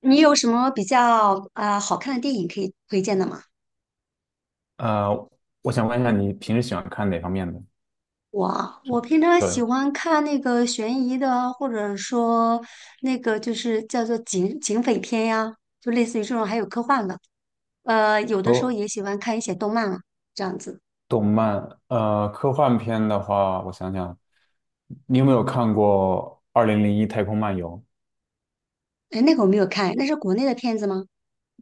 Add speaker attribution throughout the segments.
Speaker 1: 你有什么比较啊好看的电影可以推荐的吗？
Speaker 2: 呃，我想问一下，你平时喜欢看哪方面的？
Speaker 1: 我啊
Speaker 2: 什
Speaker 1: 我
Speaker 2: 么
Speaker 1: 平常喜
Speaker 2: 的
Speaker 1: 欢看那个悬疑的，或者说那个就是叫做警匪片呀，就类似于这种，还有科幻的。有的时候
Speaker 2: 科
Speaker 1: 也喜欢看一些动漫啊，这样子。
Speaker 2: 动漫？科幻片的话，我想想，你有没有看过《二零零一太空漫游》？
Speaker 1: 哎，那个我没有看，那是国内的片子吗？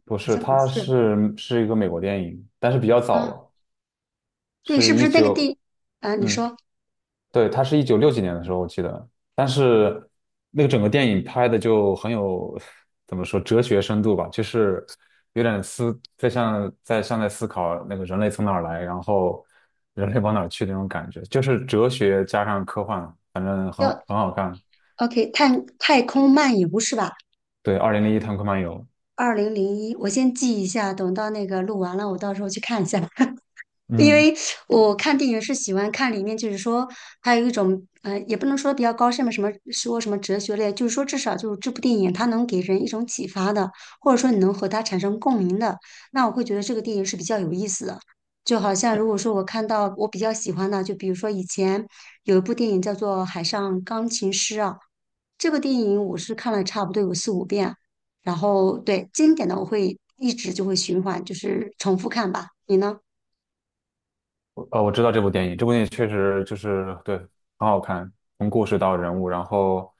Speaker 2: 不
Speaker 1: 好
Speaker 2: 是，
Speaker 1: 像不
Speaker 2: 它
Speaker 1: 是
Speaker 2: 是是一个美国电影，但是比较早
Speaker 1: 啊。
Speaker 2: 了，
Speaker 1: 对，是
Speaker 2: 是
Speaker 1: 不
Speaker 2: 一
Speaker 1: 是那个
Speaker 2: 九
Speaker 1: 地啊？你
Speaker 2: 嗯。
Speaker 1: 说
Speaker 2: 对，它是196几年的时候，我记得。但是那个整个电影拍的就很有，怎么说，哲学深度吧，就是有点思，在思考那个人类从哪儿来，然后人类往哪儿去那种感觉，就是哲学加上科幻，反正很
Speaker 1: 要
Speaker 2: 很好看。
Speaker 1: OK 太空漫游是吧？
Speaker 2: 对，《二零零一太空漫游》。
Speaker 1: 2001，我先记一下，等到那个录完了，我到时候去看一下。因
Speaker 2: 嗯，
Speaker 1: 为我看电影是喜欢看里面，就是说还有一种，也不能说比较高深吧，什么说什么哲学类，就是说至少就是这部电影它能给人一种启发的，或者说你能和它产生共鸣的，那我会觉得这个电影是比较有意思的。就好像如果说我看到我比较喜欢的，就比如说以前有一部电影叫做《海上钢琴师》啊，这个电影我是看了差不多有四五遍，然后对经典的我会一直就会循环，就是重复看吧。你呢？
Speaker 2: 我知道这部电影，这部电影确实就是对，很好看，从故事到人物，然后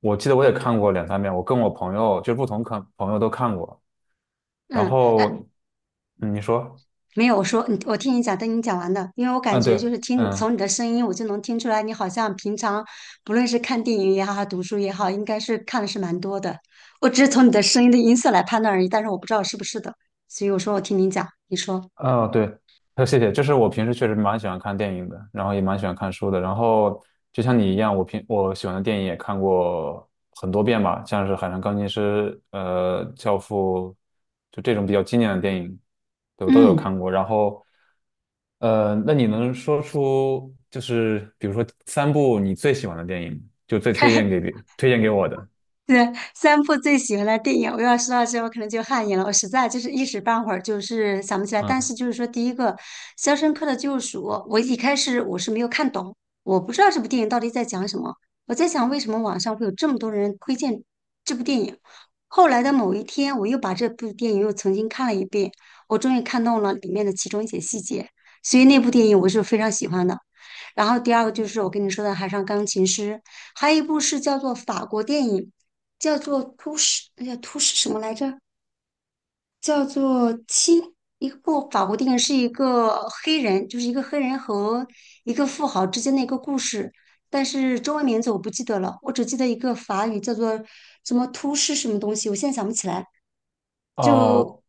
Speaker 2: 我记得我也看过2、3遍，我跟我朋友就是不同看朋友都看过。然
Speaker 1: 嗯，哎，
Speaker 2: 后，嗯，你说，
Speaker 1: 没有，我说你，我听你讲，等你讲完的，因为我感
Speaker 2: 嗯，
Speaker 1: 觉就
Speaker 2: 对，
Speaker 1: 是听
Speaker 2: 嗯，
Speaker 1: 从你的声音，我就能听出来，你好像平常不论是看电影也好，还是读书也好，应该是看的是蛮多的。我只是从你的声音的音色来判断而已，但是我不知道是不是的，所以我说我听你讲，你说，
Speaker 2: 哦，对，谢谢，就是我平时确实蛮喜欢看电影的，然后也蛮喜欢看书的，然后就像你一样，我喜欢的电影也看过很多遍吧，像是《海上钢琴师》、《教父》，就这种比较经典的电影，对，我都有
Speaker 1: 嗯，
Speaker 2: 看过。然后，那你能说出就是比如说3部你最喜欢的电影，就最推荐 给别推荐给我的？
Speaker 1: 对，三部最喜欢的电影，我要说到这，我可能就汗颜了。我实在就是一时半会儿就是想不起来。但是
Speaker 2: 嗯。
Speaker 1: 就是说，第一个《肖申克的救赎》，我一开始我是没有看懂，我不知道这部电影到底在讲什么。我在想，为什么网上会有这么多人推荐这部电影？后来的某一天，我又把这部电影又重新看了一遍，我终于看懂了里面的其中一些细节。所以那部电影我是非常喜欢的。然后第二个就是我跟你说的《海上钢琴师》，还有一部是叫做法国电影，叫做《突什》，哎呀，《突什》什么来着？叫做《七》。一部法国电影是一个黑人，就是一个黑人和一个富豪之间的一个故事，但是中文名字我不记得了，我只记得一个法语叫做什么"突什"什么东西，我现在想不起来。
Speaker 2: 哦，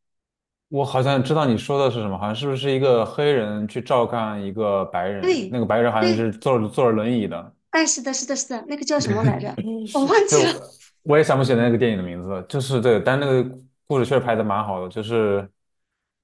Speaker 2: 我好像知道你说的是什么，好像是不是一个黑人去照看一个白人，
Speaker 1: 对，
Speaker 2: 那个白人好像
Speaker 1: 对，
Speaker 2: 是坐着坐着轮椅的，
Speaker 1: 哎，是的，是的，是的，那个叫什么来着？我忘记
Speaker 2: 就我
Speaker 1: 了。
Speaker 2: 我也想不起来那个电影的名字了，就是对，但那个故事确实拍的蛮好的，就是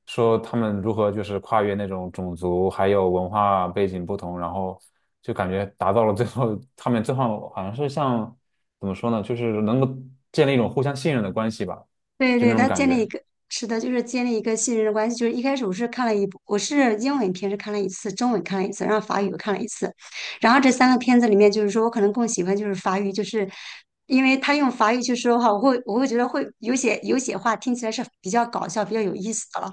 Speaker 2: 说他们如何就是跨越那种种族还有文化背景不同，然后就感觉达到了最后，他们最后好像是像怎么说呢，就是能够建立一种互相信任的关系吧，
Speaker 1: 对
Speaker 2: 就那
Speaker 1: 对，
Speaker 2: 种
Speaker 1: 他
Speaker 2: 感
Speaker 1: 建立一
Speaker 2: 觉。
Speaker 1: 个，是的，就是建立一个信任的关系。就是一开始我是看了一部，我是英文片是看了一次，中文看了一次，然后法语又看了一次。然后这三个片子里面，就是说我可能更喜欢就是法语，就是因为他用法语去说话，我会觉得会有些话听起来是比较搞笑、比较有意思的了。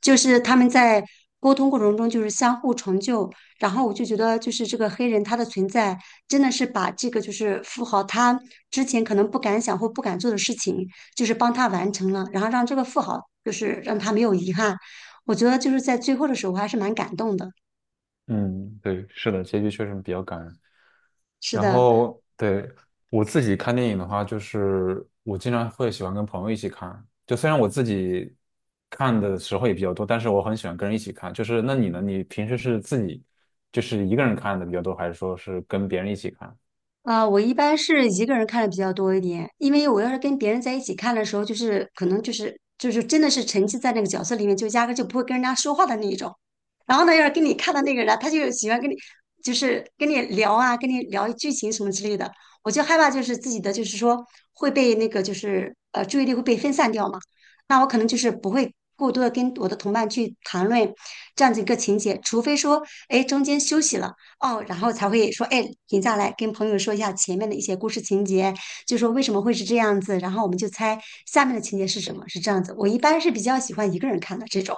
Speaker 1: 就是他们在沟通过程中就是相互成就，然后我就觉得就是这个黑人他的存在真的是把这个就是富豪他之前可能不敢想或不敢做的事情。就是帮他完成了，然后让这个富豪就是让他没有遗憾。我觉得就是在最后的时候，我还是蛮感动的。
Speaker 2: 嗯，对，是的，结局确实比较感人。
Speaker 1: 是
Speaker 2: 然
Speaker 1: 的，
Speaker 2: 后，对，我自己看电影的话，就是我经常会喜欢跟朋友一起看。就虽然我自己看的时候也比较多，但是我很喜欢跟人一起看。就是那你呢？你平时是自己就是一个人看的比较多，还是说是跟别人一起看？
Speaker 1: 啊，我一般是一个人看的比较多一点，因为我要是跟别人在一起看的时候，就是可能就是真的是沉浸在那个角色里面，就压根就不会跟人家说话的那一种。然后呢，要是跟你看的那个人啊他就喜欢跟你就是跟你聊啊，跟你聊剧情什么之类的，我就害怕就是自己的就是说会被那个就是注意力会被分散掉嘛。那我可能就是不会过多的跟我的同伴去谈论这样子一个情节，除非说哎中间休息了。哦，然后才会说，哎，停下来跟朋友说一下前面的一些故事情节，就说为什么会是这样子，然后我们就猜下面的情节是什么，是这样子。我一般是比较喜欢一个人看的这种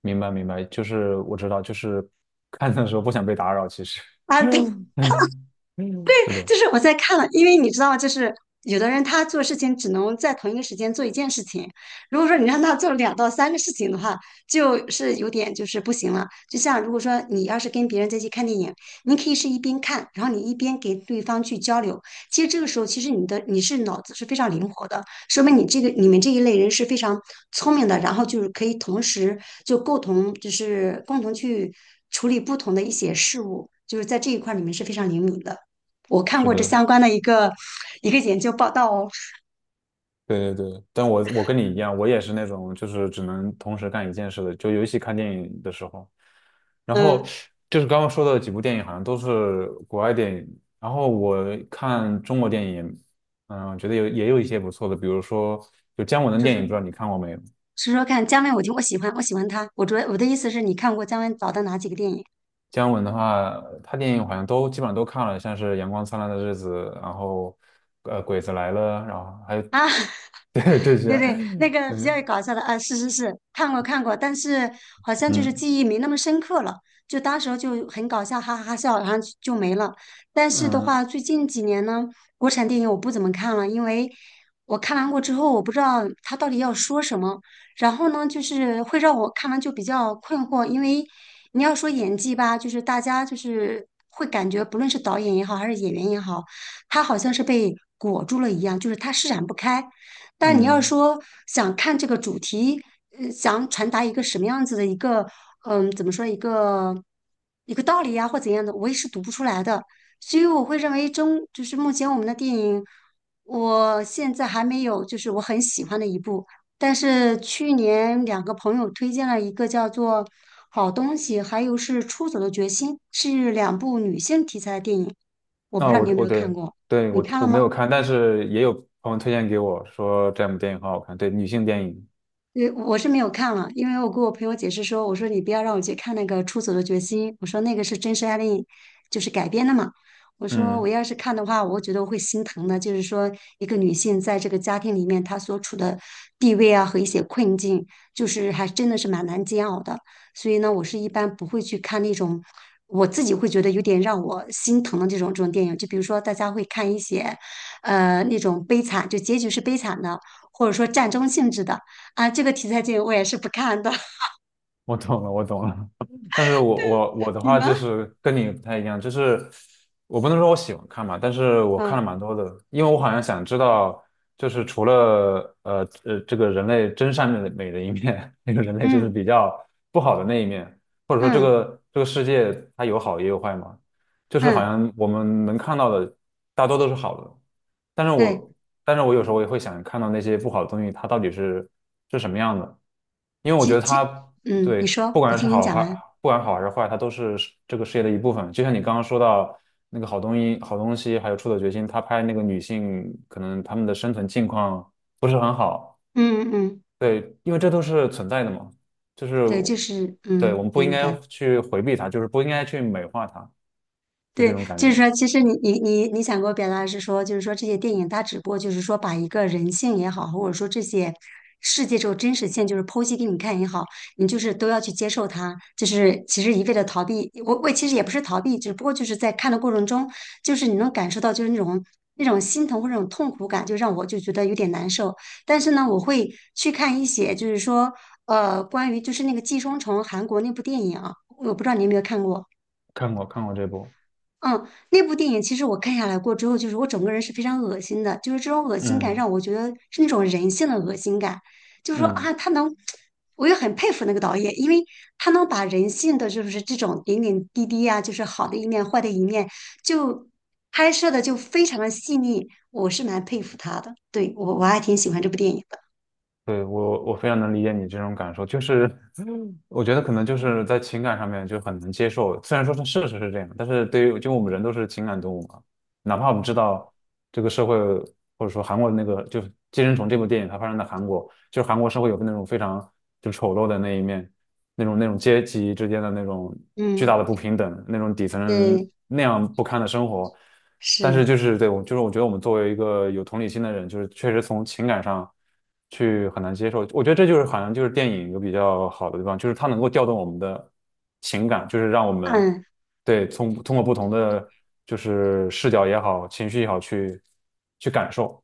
Speaker 2: 明白，明白。就是我知道，就是看的时候不想被打扰，其实。
Speaker 1: 啊，对，
Speaker 2: 嗯嗯，是的，
Speaker 1: 就是我在看了，因为你知道，就是有的人他做事情只能在同一个时间做一件事情，如果说你让他做两到三个事情的话，就是有点就是不行了。就像如果说你要是跟别人在一起看电影，你可以是一边看，然后你一边给对方去交流。其实这个时候，其实你的你是脑子是非常灵活的，说明你这个你们这一类人是非常聪明的，然后就是可以同时就共同就是共同去处理不同的一些事物，就是在这一块儿你们是非常灵敏的。我看
Speaker 2: 是
Speaker 1: 过这
Speaker 2: 的。
Speaker 1: 相关的一个一个研究报道哦，
Speaker 2: 对对对，但我跟你一样，我也是那种就是只能同时干一件事的，就尤其看电影的时候。然后
Speaker 1: 嗯，
Speaker 2: 就是刚刚说的几部电影，好像都是国外电影。然后我看中国电影，嗯，觉得有也有一些不错的，比如说就姜文的
Speaker 1: 就
Speaker 2: 电影，不
Speaker 1: 是
Speaker 2: 知道你看过没有？
Speaker 1: 说说看姜文，我听我喜欢，我喜欢他。我主要我的意思是你看过姜文导的哪几个电影
Speaker 2: 姜文的话，他电影好像都基本上都看了，像是《阳光灿烂的日子》，然后《鬼子来了》，然后还有
Speaker 1: 啊？
Speaker 2: 对这些，
Speaker 1: 对对，那
Speaker 2: 嗯
Speaker 1: 个比较搞笑的啊，是是是，看过看过，但是好像就是
Speaker 2: 嗯
Speaker 1: 记忆没那么深刻了，就当时候就很搞笑，哈哈哈笑，然后就没了。但是的
Speaker 2: 嗯。
Speaker 1: 话，最近几年呢，国产电影我不怎么看了，因为我看完过之后，我不知道他到底要说什么，然后呢，就是会让我看完就比较困惑，因为你要说演技吧，就是大家就是会感觉，不论是导演也好，还是演员也好，他好像是被裹住了一样，就是他施展不开。但你要
Speaker 2: 嗯
Speaker 1: 说想看这个主题，想传达一个什么样子的一个，嗯，怎么说一个道理呀、或怎样的，我也是读不出来的。所以我会认为中就是目前我们的电影，我现在还没有就是我很喜欢的一部。但是去年两个朋友推荐了一个叫做《好东西》，还有是《出走的决心》，是两部女性题材的电影。我不
Speaker 2: 啊，
Speaker 1: 知道
Speaker 2: 我
Speaker 1: 你有没
Speaker 2: 我
Speaker 1: 有看
Speaker 2: 对
Speaker 1: 过，
Speaker 2: 对
Speaker 1: 你
Speaker 2: 我
Speaker 1: 看
Speaker 2: 我
Speaker 1: 了
Speaker 2: 没有
Speaker 1: 吗？
Speaker 2: 看，但是也有朋友推荐给我说这两部电影很好看，对女性电影，
Speaker 1: 我是没有看了，因为我跟我朋友解释说，我说你不要让我去看那个《出走的决心》，我说那个是真实案例，就是改编的嘛。我说我
Speaker 2: 嗯。
Speaker 1: 要是看的话，我觉得我会心疼的，就是说一个女性在这个家庭里面她所处的地位啊和一些困境，就是还真的是蛮难煎熬的。所以呢，我是一般不会去看那种我自己会觉得有点让我心疼的这种这种电影，就比如说大家会看一些那种悲惨，就结局是悲惨的，或者说战争性质的。啊，这个题材剧我也是不看的，
Speaker 2: 我懂了，我懂了。但是我的
Speaker 1: 你
Speaker 2: 话
Speaker 1: 呢？
Speaker 2: 就是跟你不太一样，就是我不能说我喜欢看嘛，但是我看
Speaker 1: 嗯
Speaker 2: 了蛮多的，因为我好像想知道，就是除了这个人类真善美的美的一面，那个人类就是
Speaker 1: 嗯
Speaker 2: 比较不好的那一面，或者说这
Speaker 1: 嗯
Speaker 2: 个这个世界它有好也有坏嘛，就是好
Speaker 1: 嗯，
Speaker 2: 像我们能看到的大多都是好的，但是
Speaker 1: 对，
Speaker 2: 我但是我有时候也会想看到那些不好的东西，它到底是什么样的。因为我觉
Speaker 1: 其
Speaker 2: 得它
Speaker 1: 其，嗯，
Speaker 2: 对，
Speaker 1: 你说，
Speaker 2: 不
Speaker 1: 我
Speaker 2: 管是
Speaker 1: 听你
Speaker 2: 好
Speaker 1: 讲
Speaker 2: 还
Speaker 1: 完。
Speaker 2: 不管好还是坏，它都是事这个事业的一部分。就像你刚刚说到那个好东西，还有出走决心，他拍那个女性，可能她们的生存境况不是很好。
Speaker 1: 嗯嗯，
Speaker 2: 对，因为这都是存在的嘛，就是
Speaker 1: 对，就是
Speaker 2: 对
Speaker 1: 嗯，
Speaker 2: 我们不应
Speaker 1: 明
Speaker 2: 该
Speaker 1: 白。
Speaker 2: 去回避它，就是不应该去美化它，就这
Speaker 1: 对，
Speaker 2: 种感
Speaker 1: 就
Speaker 2: 觉。
Speaker 1: 是说，其实你想给我表达的是说，就是说这些电影它只不过就是说把一个人性也好，或者说这些世界这种真实性，就是剖析给你看也好，你就是都要去接受它。就是其实一味的逃避，我其实也不是逃避，只不过就是在看的过程中，就是你能感受到就是那种心疼或者那种痛苦感，就让我就觉得有点难受。但是呢，我会去看一些就是说关于就是那个《寄生虫》韩国那部电影啊，我不知道你有没有看过。
Speaker 2: 看过看过这部，
Speaker 1: 嗯，那部电影其实我看下来过之后，就是我整个人是非常恶心的，就是这种恶心感
Speaker 2: 嗯
Speaker 1: 让我觉得是那种人性的恶心感，就是说啊，
Speaker 2: 嗯。
Speaker 1: 他能，我也很佩服那个导演，因为他能把人性的就是这种点点滴滴呀，就是好的一面、坏的一面，就拍摄的就非常的细腻，我是蛮佩服他的，对，我还挺喜欢这部电影的，
Speaker 2: 对，我非常能理解你这种感受，就是 我觉得可能就是在情感上面就很难接受，虽然说是事实是这样，但是对于就我们人都是情感动物嘛，哪怕我们知道这个社会或者说韩国的那个就是《寄生虫》这部电影，它发生在韩国，就是韩国社会有那种非常就丑陋的那一面，那种阶级之间的那种巨
Speaker 1: 嗯，
Speaker 2: 大的不平等，那种底层人
Speaker 1: 对，
Speaker 2: 那样不堪的生活。但是
Speaker 1: 是，
Speaker 2: 就是对我，就是我觉得我们作为一个有同理心的人，就是确实从情感上去很难接受。我觉得这就是好像就是电影有比较好的地方，就是它能够调动我们的情感，就是让我们
Speaker 1: 嗯。
Speaker 2: 对从通过不同的就是视角也好，情绪也好去感受。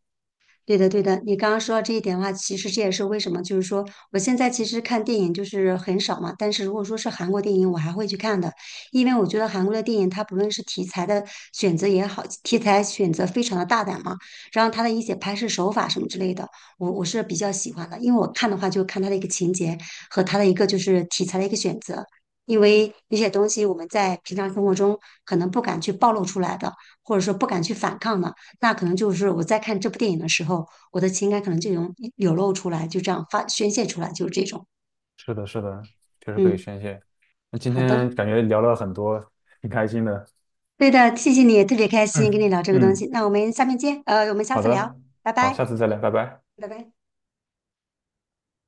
Speaker 1: 对的，对的，你刚刚说到这一点的话，其实这也是为什么，就是说我现在其实看电影就是很少嘛，但是如果说是韩国电影，我还会去看的，因为我觉得韩国的电影它不论是题材的选择也好，题材选择非常的大胆嘛，然后它的一些拍摄手法什么之类的，我是比较喜欢的，因为我看的话就看它的一个情节和它的一个就是题材的一个选择，因为有些东西我们在平常生活中可能不敢去暴露出来的，或者说不敢去反抗的。那可能就是我在看这部电影的时候，我的情感可能就涌流露出来，就这样发宣泄出来，就是这种。
Speaker 2: 是的，是的，确实可以
Speaker 1: 嗯，
Speaker 2: 宣泄。那今
Speaker 1: 好的，
Speaker 2: 天感觉聊了很多，挺开心的。
Speaker 1: 对的，谢谢你，特别开心跟你
Speaker 2: 嗯
Speaker 1: 聊这个东西。
Speaker 2: 嗯，
Speaker 1: 那我们下面见，我们下
Speaker 2: 好
Speaker 1: 次聊，
Speaker 2: 的，
Speaker 1: 拜
Speaker 2: 好，
Speaker 1: 拜，
Speaker 2: 下次再聊，拜拜。
Speaker 1: 拜拜。